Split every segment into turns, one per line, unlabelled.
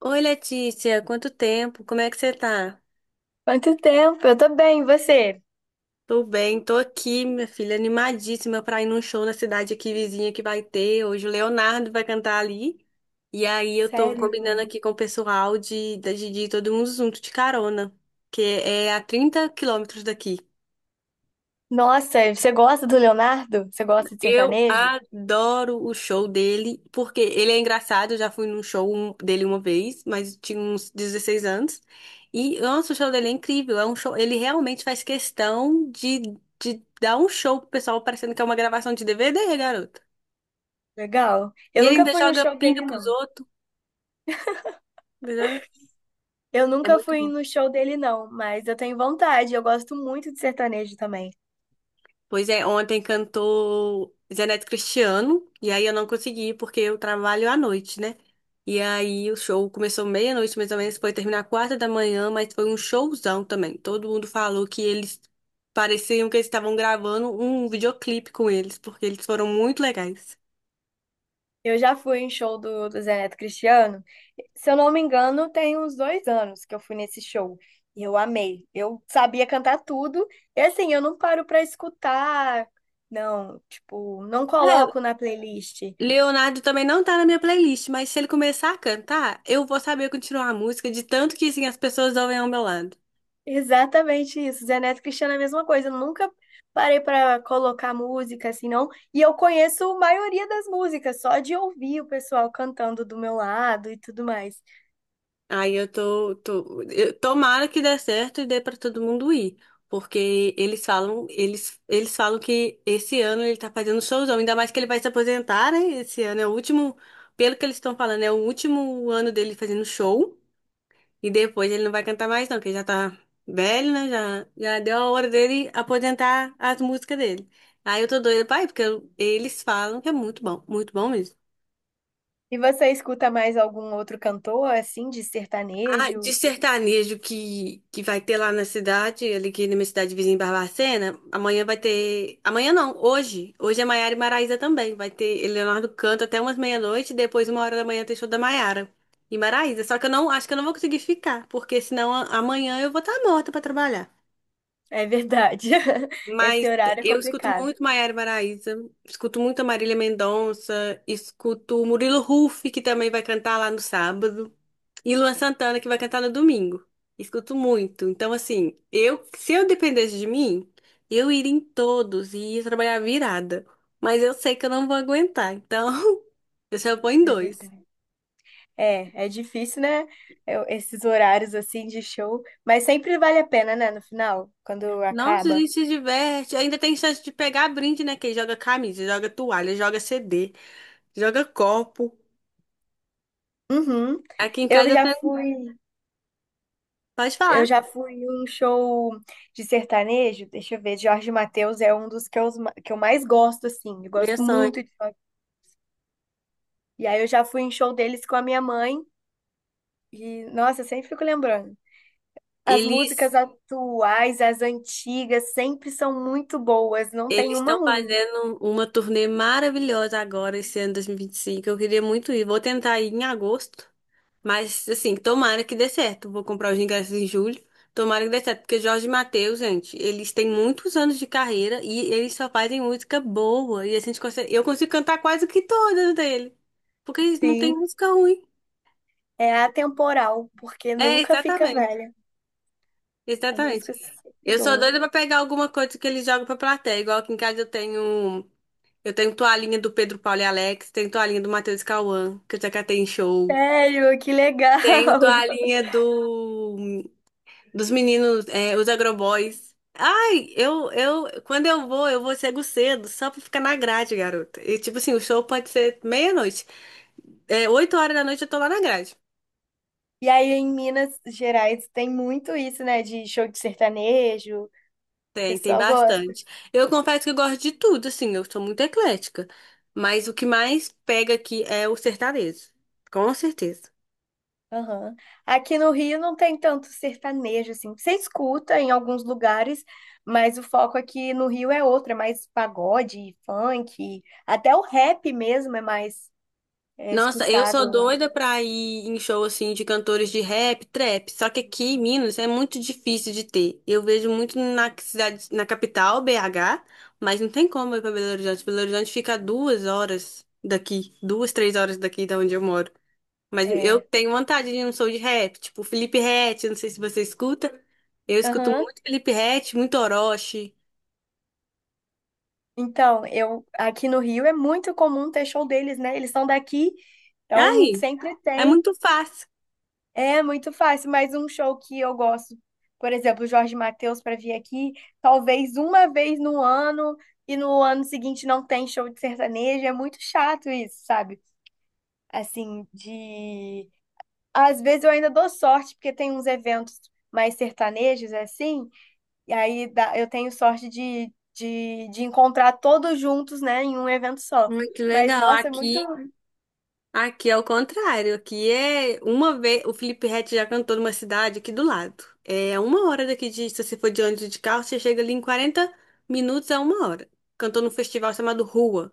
Oi, Letícia, quanto tempo? Como é que você tá?
Quanto tempo? Eu tô bem, e você?
Tô bem, tô aqui, minha filha, animadíssima pra ir num show na cidade aqui vizinha que vai ter. Hoje o Leonardo vai cantar ali. E aí eu tô
Sério?
combinando aqui com o pessoal de ir todo mundo junto de carona, que é a 30 quilômetros daqui.
Nossa, você gosta do Leonardo? Você gosta de
Eu
sertanejo?
adoro o show dele, porque ele é engraçado. Eu já fui num dele uma vez, mas eu tinha uns 16 anos. E, nossa, o show dele é incrível. É um show, ele realmente faz questão de dar um show pro pessoal, parecendo que é uma gravação de DVD, garoto.
Legal.
E
Eu
ele
nunca
ainda
fui no
joga
show
pinga
dele,
pros
não.
outros. Ainda joga-
Eu
É
nunca
muito.
fui no show dele, não, mas eu tenho vontade. Eu gosto muito de sertanejo também.
Pois é, ontem cantou Zeneto Cristiano, e aí eu não consegui porque eu trabalho à noite, né? E aí o show começou meia-noite mais ou menos, foi terminar quatro da manhã, mas foi um showzão também. Todo mundo falou que eles pareciam que eles estavam gravando um videoclipe com eles, porque eles foram muito legais.
Eu já fui em show do Zé Neto Cristiano. Se eu não me engano, tem uns 2 anos que eu fui nesse show. E eu amei. Eu sabia cantar tudo. E assim, eu não paro pra escutar. Não, tipo, não
É,
coloco na playlist.
Leonardo também não tá na minha playlist, mas se ele começar a cantar, eu vou saber continuar a música de tanto que assim, as pessoas ouvem ao meu lado.
Exatamente isso. Zé Neto e Cristiano é a mesma coisa. Eu nunca parei pra colocar música assim, não. E eu conheço a maioria das músicas, só de ouvir o pessoal cantando do meu lado e tudo mais.
Aí eu tomara que dê certo e dê pra todo mundo ir, porque eles falam que esse ano ele tá fazendo showzão, ainda mais que ele vai se aposentar, né? Esse ano é o último, pelo que eles estão falando, é o último ano dele fazendo show e depois ele não vai cantar mais não, porque ele já tá velho, né? Já deu a hora dele aposentar as músicas dele. Aí eu tô doida pra ir, porque eles falam que é muito bom mesmo.
E você escuta mais algum outro cantor, assim, de
Ah, de
sertanejo?
sertanejo que vai ter lá na cidade, ali que na minha cidade vizinha em Barbacena, amanhã vai ter. Amanhã não, hoje. Hoje é Maiara e Maraísa também. Vai ter Leonardo canta até umas meia-noite, depois, uma hora da manhã, tem show da Maiara e Maraísa. Só que eu não acho que eu não vou conseguir ficar, porque senão amanhã eu vou estar morta pra trabalhar.
É verdade. Esse
Mas
horário é
eu escuto
complicado.
muito Maiara e Maraísa, escuto muito a Marília Mendonça, escuto o Murilo Huff, que também vai cantar lá no sábado. E Luan Santana, que vai cantar no domingo. Escuto muito. Então, assim, eu, se eu dependesse de mim, eu iria em todos e ia trabalhar virada. Mas eu sei que eu não vou aguentar. Então, eu só vou em
É
dois.
verdade. É difícil, né? Esses horários assim de show. Mas sempre vale a pena, né? No final, quando
Nossa, a
acaba.
gente se diverte. Ainda tem chance de pegar brinde, né? Que joga camisa, joga toalha, joga CD, joga copo.
Uhum.
Aqui em
Eu
casa eu
já
tenho...
fui.
Pode
Eu
falar.
já fui em um show de sertanejo, deixa eu ver, Jorge Mateus é um dos que eu mais gosto, assim, eu
Meu
gosto muito
sonho.
de Jorge. E aí eu já fui em show deles com a minha mãe, e nossa, eu sempre fico lembrando. As músicas
Eles
atuais, as antigas, sempre são muito boas, não tem
eles
uma
estão
ruim.
fazendo uma turnê maravilhosa agora, esse ano 2025. Eu queria muito ir. Vou tentar ir em agosto, mas assim, tomara que dê certo. Vou comprar os ingressos em julho. Tomara que dê certo, porque Jorge e Mateus, gente, eles têm muitos anos de carreira e eles só fazem música boa. E eu consigo cantar quase que todas dele, porque eles não têm
Sim,
música ruim.
é atemporal, porque
É,
nunca fica
exatamente.
velha. A
Exatamente.
música é sempre
Eu sou
boa.
doida pra pegar alguma coisa que eles jogam pra plateia. Igual aqui em casa eu tenho. Eu tenho toalhinha do Pedro Paulo e Alex, tenho toalhinha do Matheus e Cauã, que eu já catei em show.
Sério, que legal!
Tenho toalhinha do dos meninos, é, os Agroboys. Ai, quando eu vou cego cedo, só pra ficar na grade, garota. E tipo assim, o show pode ser meia-noite. É, oito horas da noite eu tô lá na grade.
E aí, em Minas Gerais, tem muito isso, né, de show de sertanejo. O
Tem
pessoal gosta.
bastante. Eu confesso que eu gosto de tudo, assim, eu sou muito eclética. Mas o que mais pega aqui é o sertanejo. Com certeza.
Aham. Aqui no Rio não tem tanto sertanejo, assim. Você escuta em alguns lugares, mas o foco aqui no Rio é outro, é mais pagode, funk, até o rap mesmo é mais
Nossa, eu
escutado,
sou
eu acho.
doida pra ir em show assim de cantores de rap, trap. Só que aqui em Minas é muito difícil de ter. Eu vejo muito na cidade, na capital, BH, mas não tem como ir pra Belo Horizonte. Belo Horizonte fica a duas horas daqui, duas, três horas daqui da onde eu moro. Mas eu
É.
tenho vontade de ir num show de rap, tipo Felipe Ret, não sei se você escuta. Eu escuto
Aham.
muito Felipe Ret, muito Orochi.
Então, eu aqui no Rio é muito comum ter show deles, né? Eles são daqui, então
Ai,
sempre
é
tem.
muito fácil.
É muito fácil, mas um show que eu gosto, por exemplo, o Jorge Mateus para vir aqui, talvez uma vez no ano e no ano seguinte não tem show de sertanejo, é muito chato isso, sabe? Assim, de às vezes eu ainda dou sorte porque tem uns eventos mais sertanejos assim, eu tenho sorte de encontrar todos juntos, né, em um evento só.
Muito
Mas
legal.
nossa, é muito
Aqui é o contrário, aqui é uma vez, o Felipe Ret já cantou numa cidade aqui do lado. É uma hora daqui de, se você for de ônibus e de carro, você chega ali em 40 minutos a uma hora. Cantou num festival chamado Rua.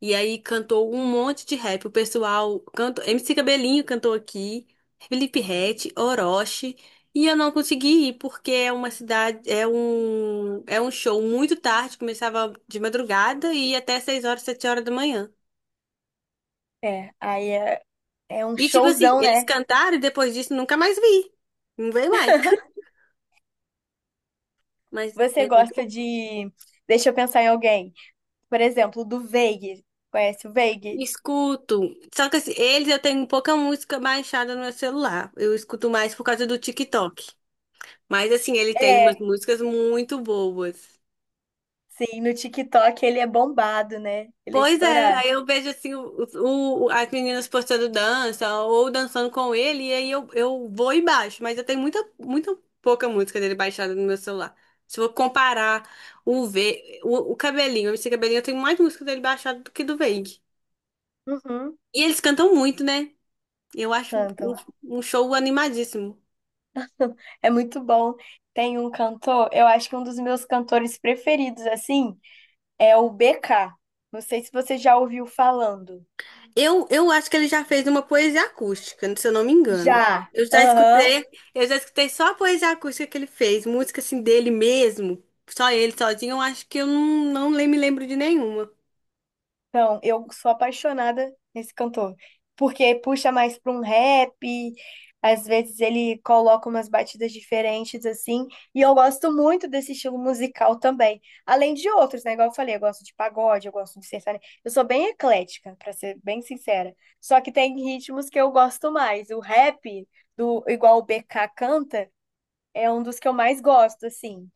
E aí cantou um monte de rap. O pessoal cantou, MC Cabelinho cantou aqui, Felipe Ret, Orochi. E eu não consegui ir porque é uma cidade, é um show muito tarde, começava de madrugada e ia até 6 horas, 7 horas da manhã.
é, aí é, é um
E tipo assim,
showzão,
eles
né?
cantaram e depois disso nunca mais vi. Não veio mais. Mas
Você
é muito
gosta
bom.
de. Deixa eu pensar em alguém. Por exemplo, do Veig. Conhece o Veig?
Escuto. Só que assim, eles eu tenho pouca música baixada no meu celular. Eu escuto mais por causa do TikTok. Mas assim, ele tem umas
É,
músicas muito boas.
sim, no TikTok ele é bombado, né? Ele é
Pois é,
estourado.
aí eu vejo assim as meninas postando dança ou dançando com ele, e aí eu vou e baixo, mas eu tenho muita, muita pouca música dele baixada no meu celular. Se eu comparar o V, o Cabelinho, esse Cabelinho, eu tenho mais música dele baixada do que do Veig.
Uhum,
E eles cantam muito, né? Eu acho
cantam.
um show animadíssimo.
É muito bom. Tem um cantor, eu acho que um dos meus cantores preferidos, assim, é o BK. Não sei se você já ouviu falando.
Eu acho que ele já fez uma poesia acústica, se eu não me engano.
Já.
Eu já
Aham.
escutei, eu já escutei só a poesia acústica que ele fez, música assim dele mesmo, só ele sozinho, eu acho que eu não, não lem- me lembro de nenhuma.
Então, eu sou apaixonada nesse cantor, porque puxa mais para um rap, às vezes ele coloca umas batidas diferentes assim, e eu gosto muito desse estilo musical também. Além de outros, né? Igual eu falei, eu gosto de pagode, eu gosto de sertanejo. Eu sou bem eclética, para ser bem sincera. Só que tem ritmos que eu gosto mais. O rap do igual o BK canta é um dos que eu mais gosto, assim,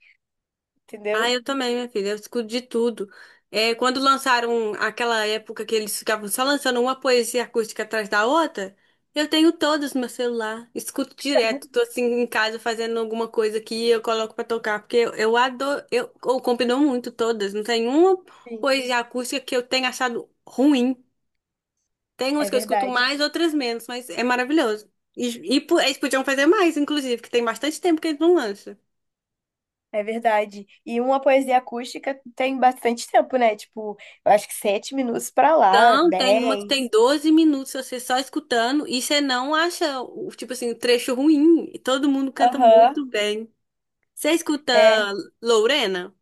Ah,
entendeu?
eu também, minha filha. Eu escuto de tudo. É, quando lançaram aquela época que eles ficavam só lançando uma poesia acústica atrás da outra, eu tenho todas no meu celular. Escuto direto. Tô assim em casa fazendo alguma coisa que eu coloco pra tocar, porque eu adoro. Eu combinou muito todas. Não tem uma
Sim,
poesia acústica que eu tenha achado ruim. Tem
é
umas que eu escuto
verdade.
mais, outras menos, mas é maravilhoso. Eles podiam fazer mais, inclusive, que tem bastante tempo que eles não lançam.
É verdade. E uma poesia acústica tem bastante tempo, né? Tipo, eu acho que 7 minutos pra lá,
Então, tem uma que
10.
tem 12 minutos você só escutando e você não tipo assim, o trecho ruim. E todo mundo canta
Aham,
muito bem. Você escuta
é.
Lorena?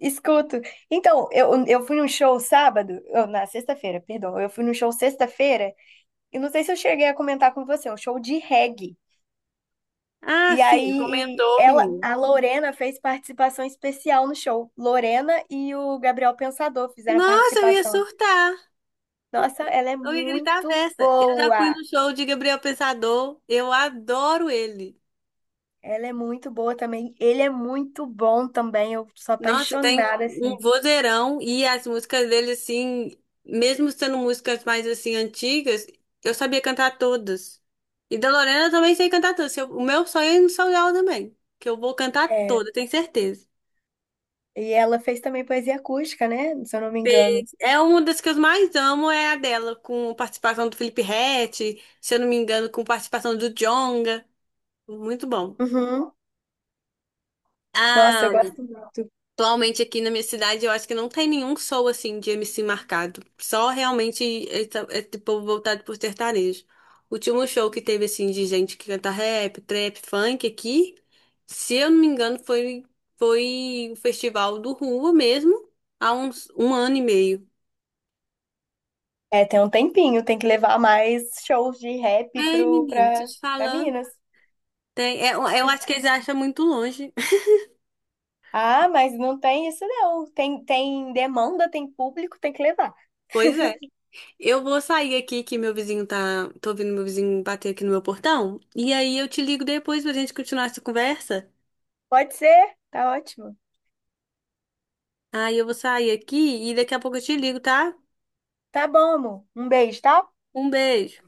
Escuto. Então, eu fui num show sábado, na sexta-feira, perdão. Eu fui num show sexta-feira, e não sei se eu cheguei a comentar com você, é um show de reggae.
Ah,
E
sim,
aí,
comentou o
ela,
menino.
a Lorena fez participação especial no show. Lorena e o Gabriel Pensador fizeram
Nossa, eu ia
participação.
surtar.
Nossa, ela é
Eu ia gritar a
muito
beça. Eu já fui
boa.
no show de Gabriel Pensador. Eu adoro ele.
Ela é muito boa também. Ele é muito bom também. Eu sou
Nossa, tem
apaixonada,
um
assim.
vozeirão e as músicas dele, assim, mesmo sendo músicas mais, assim, antigas, eu sabia cantar todas. E da Lorena eu também sei cantar todas. Se eu- O meu sonho é ir no São também, que eu vou cantar
É.
toda, tenho certeza.
E ela fez também poesia acústica, né? Se eu não me engano.
Fez. É uma das que eu mais amo, é a dela, com participação do Felipe Ret, se eu não me engano, com participação do Djonga. Muito bom.
Uhum. Nossa, eu
Ah,
gosto muito.
atualmente aqui na minha cidade, eu acho que não tem nenhum show assim de MC marcado. Só realmente esse povo voltado por sertanejo. O último show que teve assim de gente que canta rap, trap, funk aqui, se eu não me engano, foi o festival do Rua mesmo, há uns um ano e meio.
É, tem um tempinho. Tem que levar mais shows de rap
Ei, menino, tô te
pra
falando.
Minas.
Tem, é, eu acho que
Por-
eles acham muito longe.
Ah, mas não tem isso, não. Tem, tem demanda, tem público, tem que levar.
Pois é. Eu vou sair aqui que meu vizinho tá. Tô ouvindo meu vizinho bater aqui no meu portão. E aí eu te ligo depois pra gente continuar essa conversa.
Pode ser? Tá ótimo.
Aí eu vou sair aqui e daqui a pouco eu te ligo, tá?
Tá bom, amor. Um beijo, tá?
Um beijo.